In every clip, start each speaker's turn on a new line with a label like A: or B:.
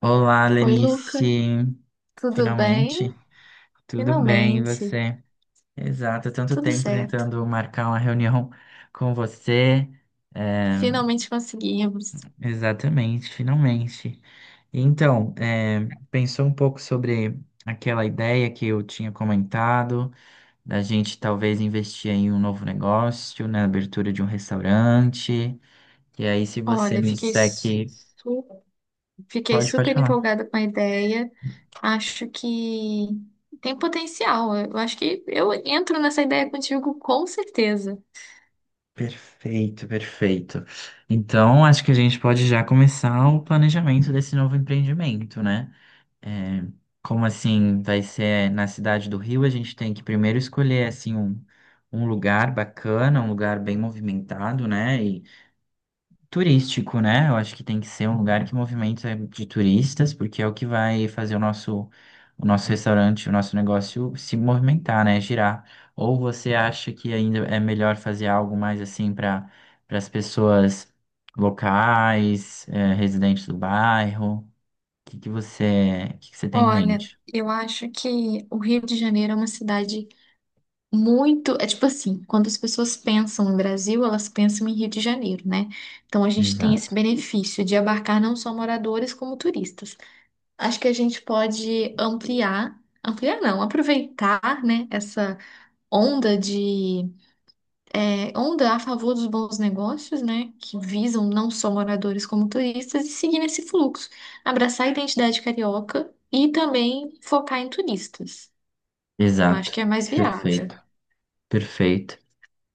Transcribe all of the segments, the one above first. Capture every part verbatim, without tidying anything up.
A: Olá,
B: Oi, Luca,
A: Lenice.
B: tudo
A: Finalmente,
B: bem?
A: tudo bem, e
B: Finalmente,
A: você? Exato, tanto
B: tudo
A: tempo
B: certo.
A: tentando marcar uma reunião com você. É,
B: Finalmente conseguimos.
A: exatamente, finalmente. Então, é, pensou um pouco sobre aquela ideia que eu tinha comentado, da gente talvez investir em um novo negócio, na abertura de um restaurante. E aí, se você
B: Olha,
A: me
B: fiquei,
A: disser
B: su-
A: que.
B: fiquei
A: Pode, pode
B: super
A: falar.
B: empolgada com a ideia. Acho que tem potencial. Eu acho que eu entro nessa ideia contigo com certeza.
A: Perfeito, perfeito. Então, acho que a gente pode já começar o planejamento desse novo empreendimento, né? É, como assim vai ser na cidade do Rio, a gente tem que primeiro escolher assim um, um lugar bacana, um lugar bem movimentado, né? Turístico, né? Eu acho que tem que ser um lugar que movimenta de turistas, porque é o que vai fazer o nosso, o nosso restaurante, o nosso negócio se movimentar, né? Girar. Ou você acha que ainda é melhor fazer algo mais assim para para as pessoas locais, eh, residentes do bairro? O que que você, o que que você tem em
B: Olha,
A: mente?
B: eu acho que o Rio de Janeiro é uma cidade muito, é tipo assim, quando as pessoas pensam em Brasil, elas pensam em Rio de Janeiro, né? Então a gente tem esse
A: Exato.
B: benefício de abarcar não só moradores como turistas. Acho que a gente pode ampliar, ampliar não, aproveitar, né, essa onda de, é, onda a favor dos bons negócios, né, que visam não só moradores como turistas e seguir nesse fluxo, abraçar a identidade carioca e também focar em turistas. Eu acho
A: Exato.
B: que é mais viável.
A: Perfeito. Perfeito.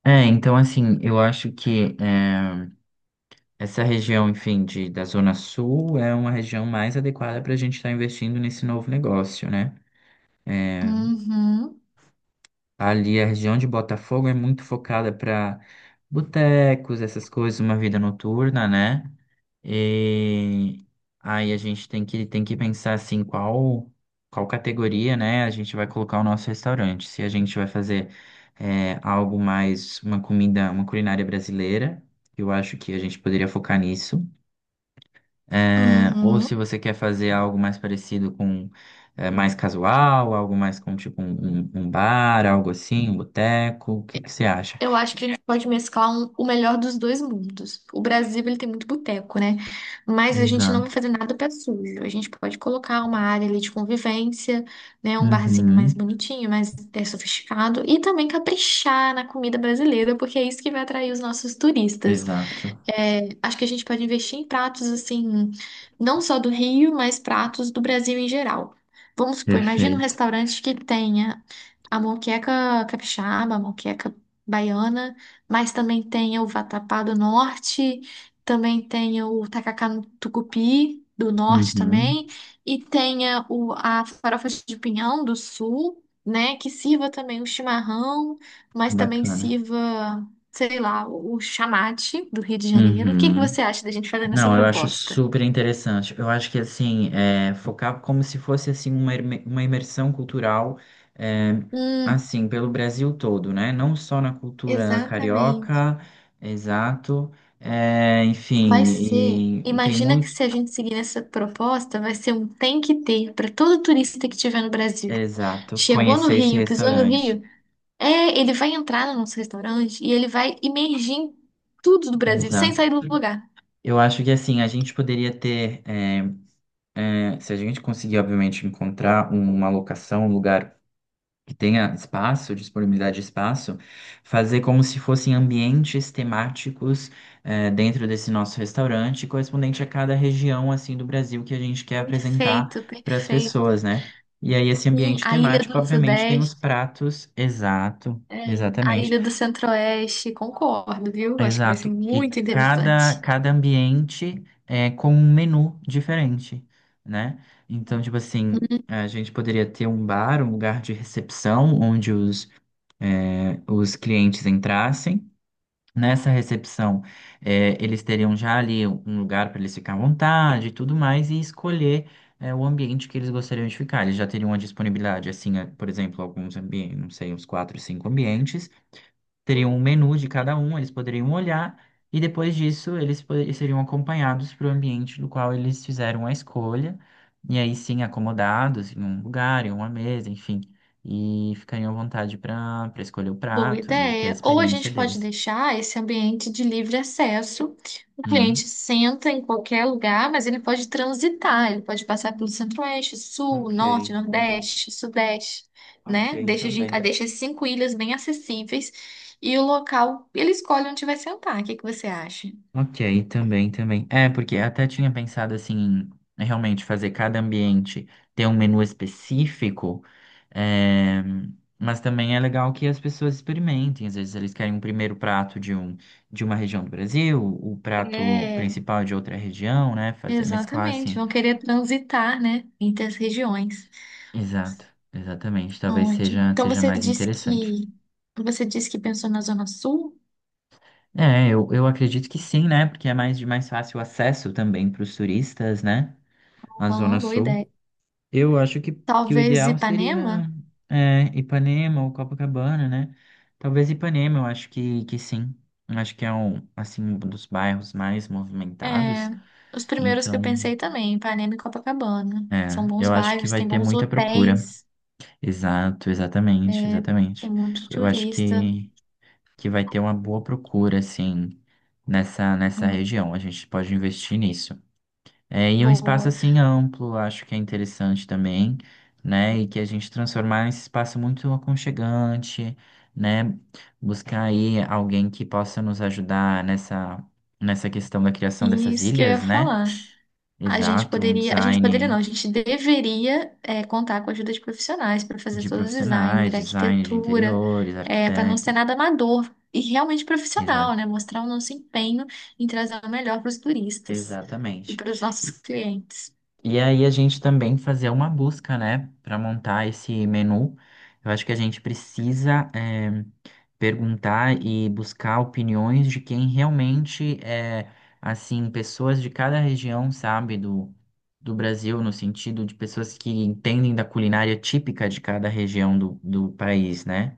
A: É, então assim, eu acho que eh, essa região, enfim, de, da Zona Sul é uma região mais adequada para a gente estar investindo nesse novo negócio, né? É,
B: Uhum.
A: ali a região de Botafogo é muito focada para botecos, essas coisas, uma vida noturna, né? E aí a gente tem que, tem que pensar assim, qual, qual categoria, né, a gente vai colocar o nosso restaurante. Se a gente vai fazer é, algo mais, uma comida, uma culinária brasileira, eu acho que a gente poderia focar nisso. É, ou
B: Uhum.
A: se você quer fazer algo mais parecido com é, mais casual, algo mais com tipo um, um- um bar, algo assim, um boteco, o que que você acha?
B: Eu acho que a gente pode mesclar um- o melhor dos dois mundos. O Brasil, ele tem muito boteco, né? Mas a gente não vai fazer
A: Exato.
B: nada pé sujo. A gente pode colocar uma área ali de convivência, né? Um barzinho mais
A: Uhum.
B: bonitinho, mais é, sofisticado. E também caprichar na comida brasileira, porque é isso que vai atrair os nossos turistas.
A: Exato.
B: É, acho que a gente pode investir em pratos, assim, não só do Rio, mas pratos do Brasil em geral. Vamos supor, imagina um
A: Perfeito.
B: restaurante que tenha a moqueca capixaba, a moqueca baiana, mas também tem o vatapá do norte, também tem o tacacá no tucupi do norte
A: Uhum.
B: também, e tenha o, a farofa de pinhão do sul, né, que sirva também o chimarrão, mas também
A: Bacana.
B: sirva, sei lá, o chamate do Rio de Janeiro. O que que
A: Uhum.
B: você acha da gente fazer nessa
A: Não, eu acho
B: proposta?
A: super interessante. Eu acho que assim, é, focar como se fosse assim uma, imer- uma imersão cultural, é,
B: Hum,
A: assim, pelo Brasil todo, né? Não só na cultura
B: exatamente.
A: carioca, exato. É, enfim,
B: Vai ser.
A: e tem
B: Imagina que
A: muito,
B: se a gente seguir nessa proposta, vai ser um tem que ter para todo turista que estiver no Brasil.
A: exato,
B: Chegou no
A: conhecer esse
B: Rio, pisou no
A: restaurante,
B: Rio, é, ele vai entrar no nosso restaurante e ele vai imergir em tudo do Brasil, sem sair
A: exato.
B: do lugar.
A: Eu acho que assim, a gente poderia ter, é, é, se a gente conseguir, obviamente, encontrar uma locação, um lugar que tenha espaço, disponibilidade de espaço, fazer como se fossem ambientes temáticos eh, dentro desse nosso restaurante, correspondente a cada região assim do Brasil que a gente quer
B: Perfeito,
A: apresentar para as
B: perfeito.
A: pessoas, né? E aí esse
B: Sim,
A: ambiente
B: a Ilha
A: temático,
B: do
A: obviamente, tem os
B: Sudeste,
A: pratos, exato,
B: é, a
A: exatamente,
B: Ilha do Centro-Oeste, concordo, viu? Acho que vai ser
A: exato, e
B: muito
A: cada
B: interessante.
A: cada ambiente é com um menu diferente, né? Então, tipo assim, a gente poderia ter um bar, um lugar de recepção, onde os eh, os clientes entrassem. Nessa recepção, eh, eles teriam já ali um lugar para eles ficar à vontade e tudo mais, e escolher, eh, o ambiente que eles gostariam de ficar. Eles já teriam a disponibilidade, assim, eh, por exemplo, alguns ambientes, não sei, uns quatro, cinco ambientes teriam um menu de cada um, eles poderiam olhar, e depois disso eles po- eles seriam acompanhados para o ambiente do qual eles fizeram a escolha, e aí sim acomodados em um lugar, em uma mesa, enfim, e ficariam à vontade para para escolher o
B: Boa
A: prato e ter a
B: ideia. Ou a
A: experiência
B: gente pode
A: deles.
B: deixar esse ambiente de livre acesso. O
A: Hum.
B: cliente senta em qualquer lugar, mas ele pode transitar, ele pode passar pelo centro-oeste, sul,
A: Ok,
B: norte,
A: entendi.
B: nordeste, sudeste, né?
A: Ok,
B: Deixa, a gen- ah,
A: também.
B: deixa as cinco ilhas bem acessíveis e o local, ele escolhe onde vai sentar. O que que você acha?
A: Ok, também, também. É, porque até tinha pensado assim, em realmente fazer cada ambiente ter um menu específico, eh, mas também é legal que as pessoas experimentem. Às vezes eles querem um primeiro prato de um, de uma região do Brasil, o prato
B: É,
A: principal de outra região, né? Fazer mesclar
B: Exatamente,
A: assim.
B: vão querer transitar, né, entre as regiões.
A: Exato, exatamente. Talvez
B: Ótimo.
A: seja,
B: Então
A: seja
B: você
A: mais
B: disse
A: interessante.
B: que você disse que pensou na Zona Sul?
A: É, eu, eu acredito que sim, né? Porque é mais de mais fácil acesso também para os turistas, né? A Zona
B: Uma boa
A: Sul.
B: ideia.
A: Eu acho que, que o
B: Talvez
A: ideal
B: Ipanema?
A: seria é, Ipanema ou Copacabana, né? Talvez Ipanema, eu acho que, que sim. Eu acho que é um, assim, um dos bairros mais
B: É,
A: movimentados.
B: os primeiros que eu
A: Então,
B: pensei também, Ipanema e Copacabana. São
A: é,
B: bons
A: eu acho que
B: bairros,
A: vai
B: tem
A: ter
B: bons
A: muita procura.
B: hotéis,
A: Exato, exatamente,
B: é, tem
A: exatamente.
B: muito
A: Eu acho
B: turista.
A: que, que vai ter uma boa procura, assim, nessa, nessa
B: Hum,
A: região. A gente pode investir nisso. É, e um espaço
B: boa.
A: assim amplo, acho que é interessante também, né? E que a gente transformar esse espaço muito aconchegante, né? Buscar aí alguém que possa nos ajudar nessa, nessa questão da criação
B: E
A: dessas
B: isso que eu ia
A: ilhas, né?
B: falar. A gente
A: Exato, um
B: poderia, a gente poderia não,
A: design
B: a gente deveria é, contar com a ajuda de profissionais para fazer
A: de
B: todo o design,
A: profissionais, design de
B: arquitetura,
A: interiores,
B: para não ser
A: arquitetos.
B: nada amador e realmente profissional,
A: Exato.
B: né? Mostrar o nosso empenho em trazer o melhor para os turistas e
A: Exatamente.
B: para os nossos clientes.
A: E aí a gente também fazer uma busca, né, para montar esse menu. Eu acho que a gente precisa eh, perguntar e buscar opiniões de quem realmente é, assim, pessoas de cada região, sabe, do, do Brasil, no sentido de pessoas que entendem da culinária típica de cada região do, do país, né?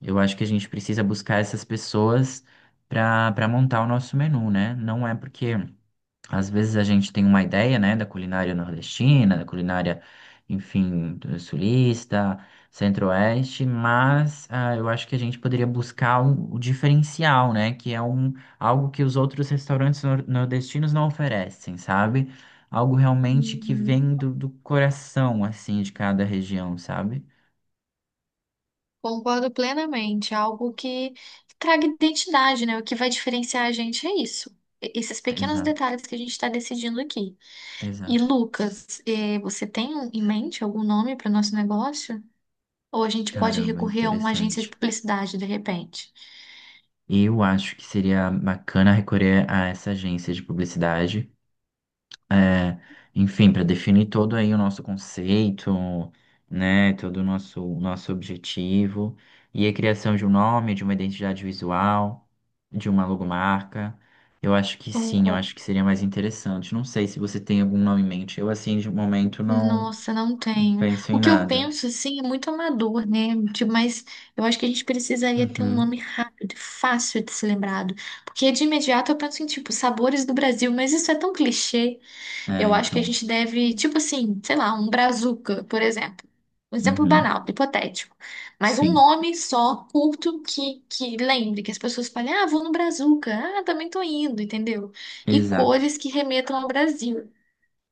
A: Eu acho que a gente precisa buscar essas pessoas para para montar o nosso menu, né? Não é porque às vezes a gente tem uma ideia, né, da culinária nordestina, da culinária, enfim, do sulista, centro-oeste, mas ah, eu acho que a gente poderia buscar um- o diferencial, né, que é um, algo que os outros restaurantes nor- nordestinos não oferecem, sabe? Algo realmente que
B: Uhum.
A: vem do, do coração, assim, de cada região, sabe?
B: Concordo plenamente. Algo que traga identidade, né? O que vai diferenciar a gente é isso. E- Esses pequenos
A: Exato,
B: detalhes que a gente está decidindo aqui. E
A: exato.
B: Lucas, eh, você tem um, em mente algum nome para o nosso negócio? Ou a gente pode
A: Caramba,
B: recorrer a uma agência de
A: interessante.
B: publicidade de repente?
A: Eu acho que seria bacana recorrer a essa agência de publicidade. É, enfim, para definir todo aí o nosso conceito, né, todo o nosso, nosso objetivo, e a criação de um nome, de uma identidade visual, de uma logomarca, eu acho que sim, eu
B: Concordo.
A: acho que seria mais interessante. Não sei se você tem algum nome em mente, eu assim, de momento, não
B: Nossa, não tenho.
A: penso
B: O
A: em
B: que eu
A: nada.
B: penso, assim, é muito amador, né? Tipo, mas eu acho que a gente precisaria ter um
A: Uhum.
B: nome rápido e fácil de ser lembrado. Porque de imediato eu penso em, tipo, sabores do Brasil, mas isso é tão clichê.
A: É,
B: Eu acho que a
A: então,
B: gente deve, tipo assim, sei lá, um brazuca, por exemplo. Um exemplo
A: uhum.
B: banal, hipotético. Mas um
A: Sim,
B: nome só, curto, que, que lembre, que as pessoas falem, ah, vou no brazuca, ah, também tô indo, entendeu? E
A: exato.
B: cores que remetam ao Brasil.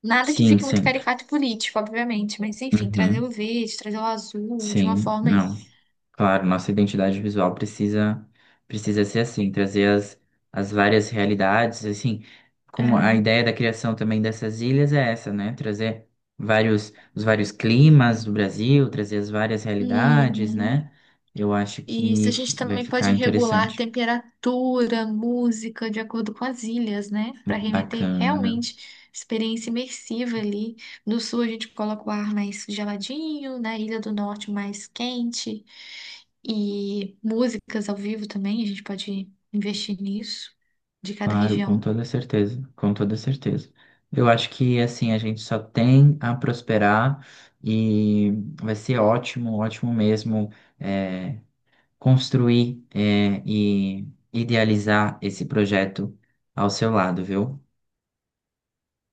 B: Nada que
A: Sim,
B: fique muito
A: sempre.
B: caricato e político, obviamente, mas enfim, trazer o
A: Uhum.
B: verde, trazer o azul de uma
A: Sim,
B: forma aí.
A: não. Claro, nossa identidade visual precisa precisa ser assim, trazer as, as várias realidades, assim, como a
B: É.
A: ideia da criação também dessas ilhas é essa, né? Trazer vários os vários climas do Brasil, trazer as várias realidades,
B: Uhum.
A: né? Eu acho
B: Isso,
A: que
B: a gente
A: fi- vai
B: também
A: ficar
B: pode regular a
A: interessante.
B: temperatura, música, de acordo com as ilhas, né? Para remeter
A: Bacana.
B: realmente experiência imersiva ali. No sul a gente coloca o ar mais geladinho, na Ilha do Norte mais quente. E músicas ao vivo também, a gente pode investir nisso, de cada
A: Claro, com
B: região.
A: toda certeza, com toda certeza. Eu acho que assim a gente só tem a prosperar e vai ser ótimo, ótimo mesmo é, construir é, e idealizar esse projeto ao seu lado, viu?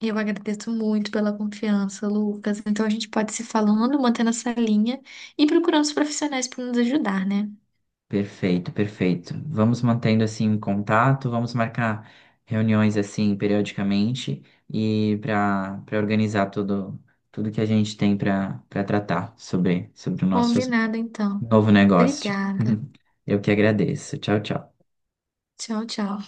B: Eu agradeço muito pela confiança, Lucas. Então a gente pode se falando, mantendo essa linha e procurando os profissionais para nos ajudar, né?
A: Perfeito, perfeito. Vamos mantendo assim um contato, vamos marcar reuniões assim periodicamente e para para organizar tudo tudo que a gente tem para para tratar sobre sobre o nosso
B: Combinado, então.
A: novo negócio.
B: Obrigada.
A: Eu que agradeço. Tchau, tchau.
B: Tchau, tchau.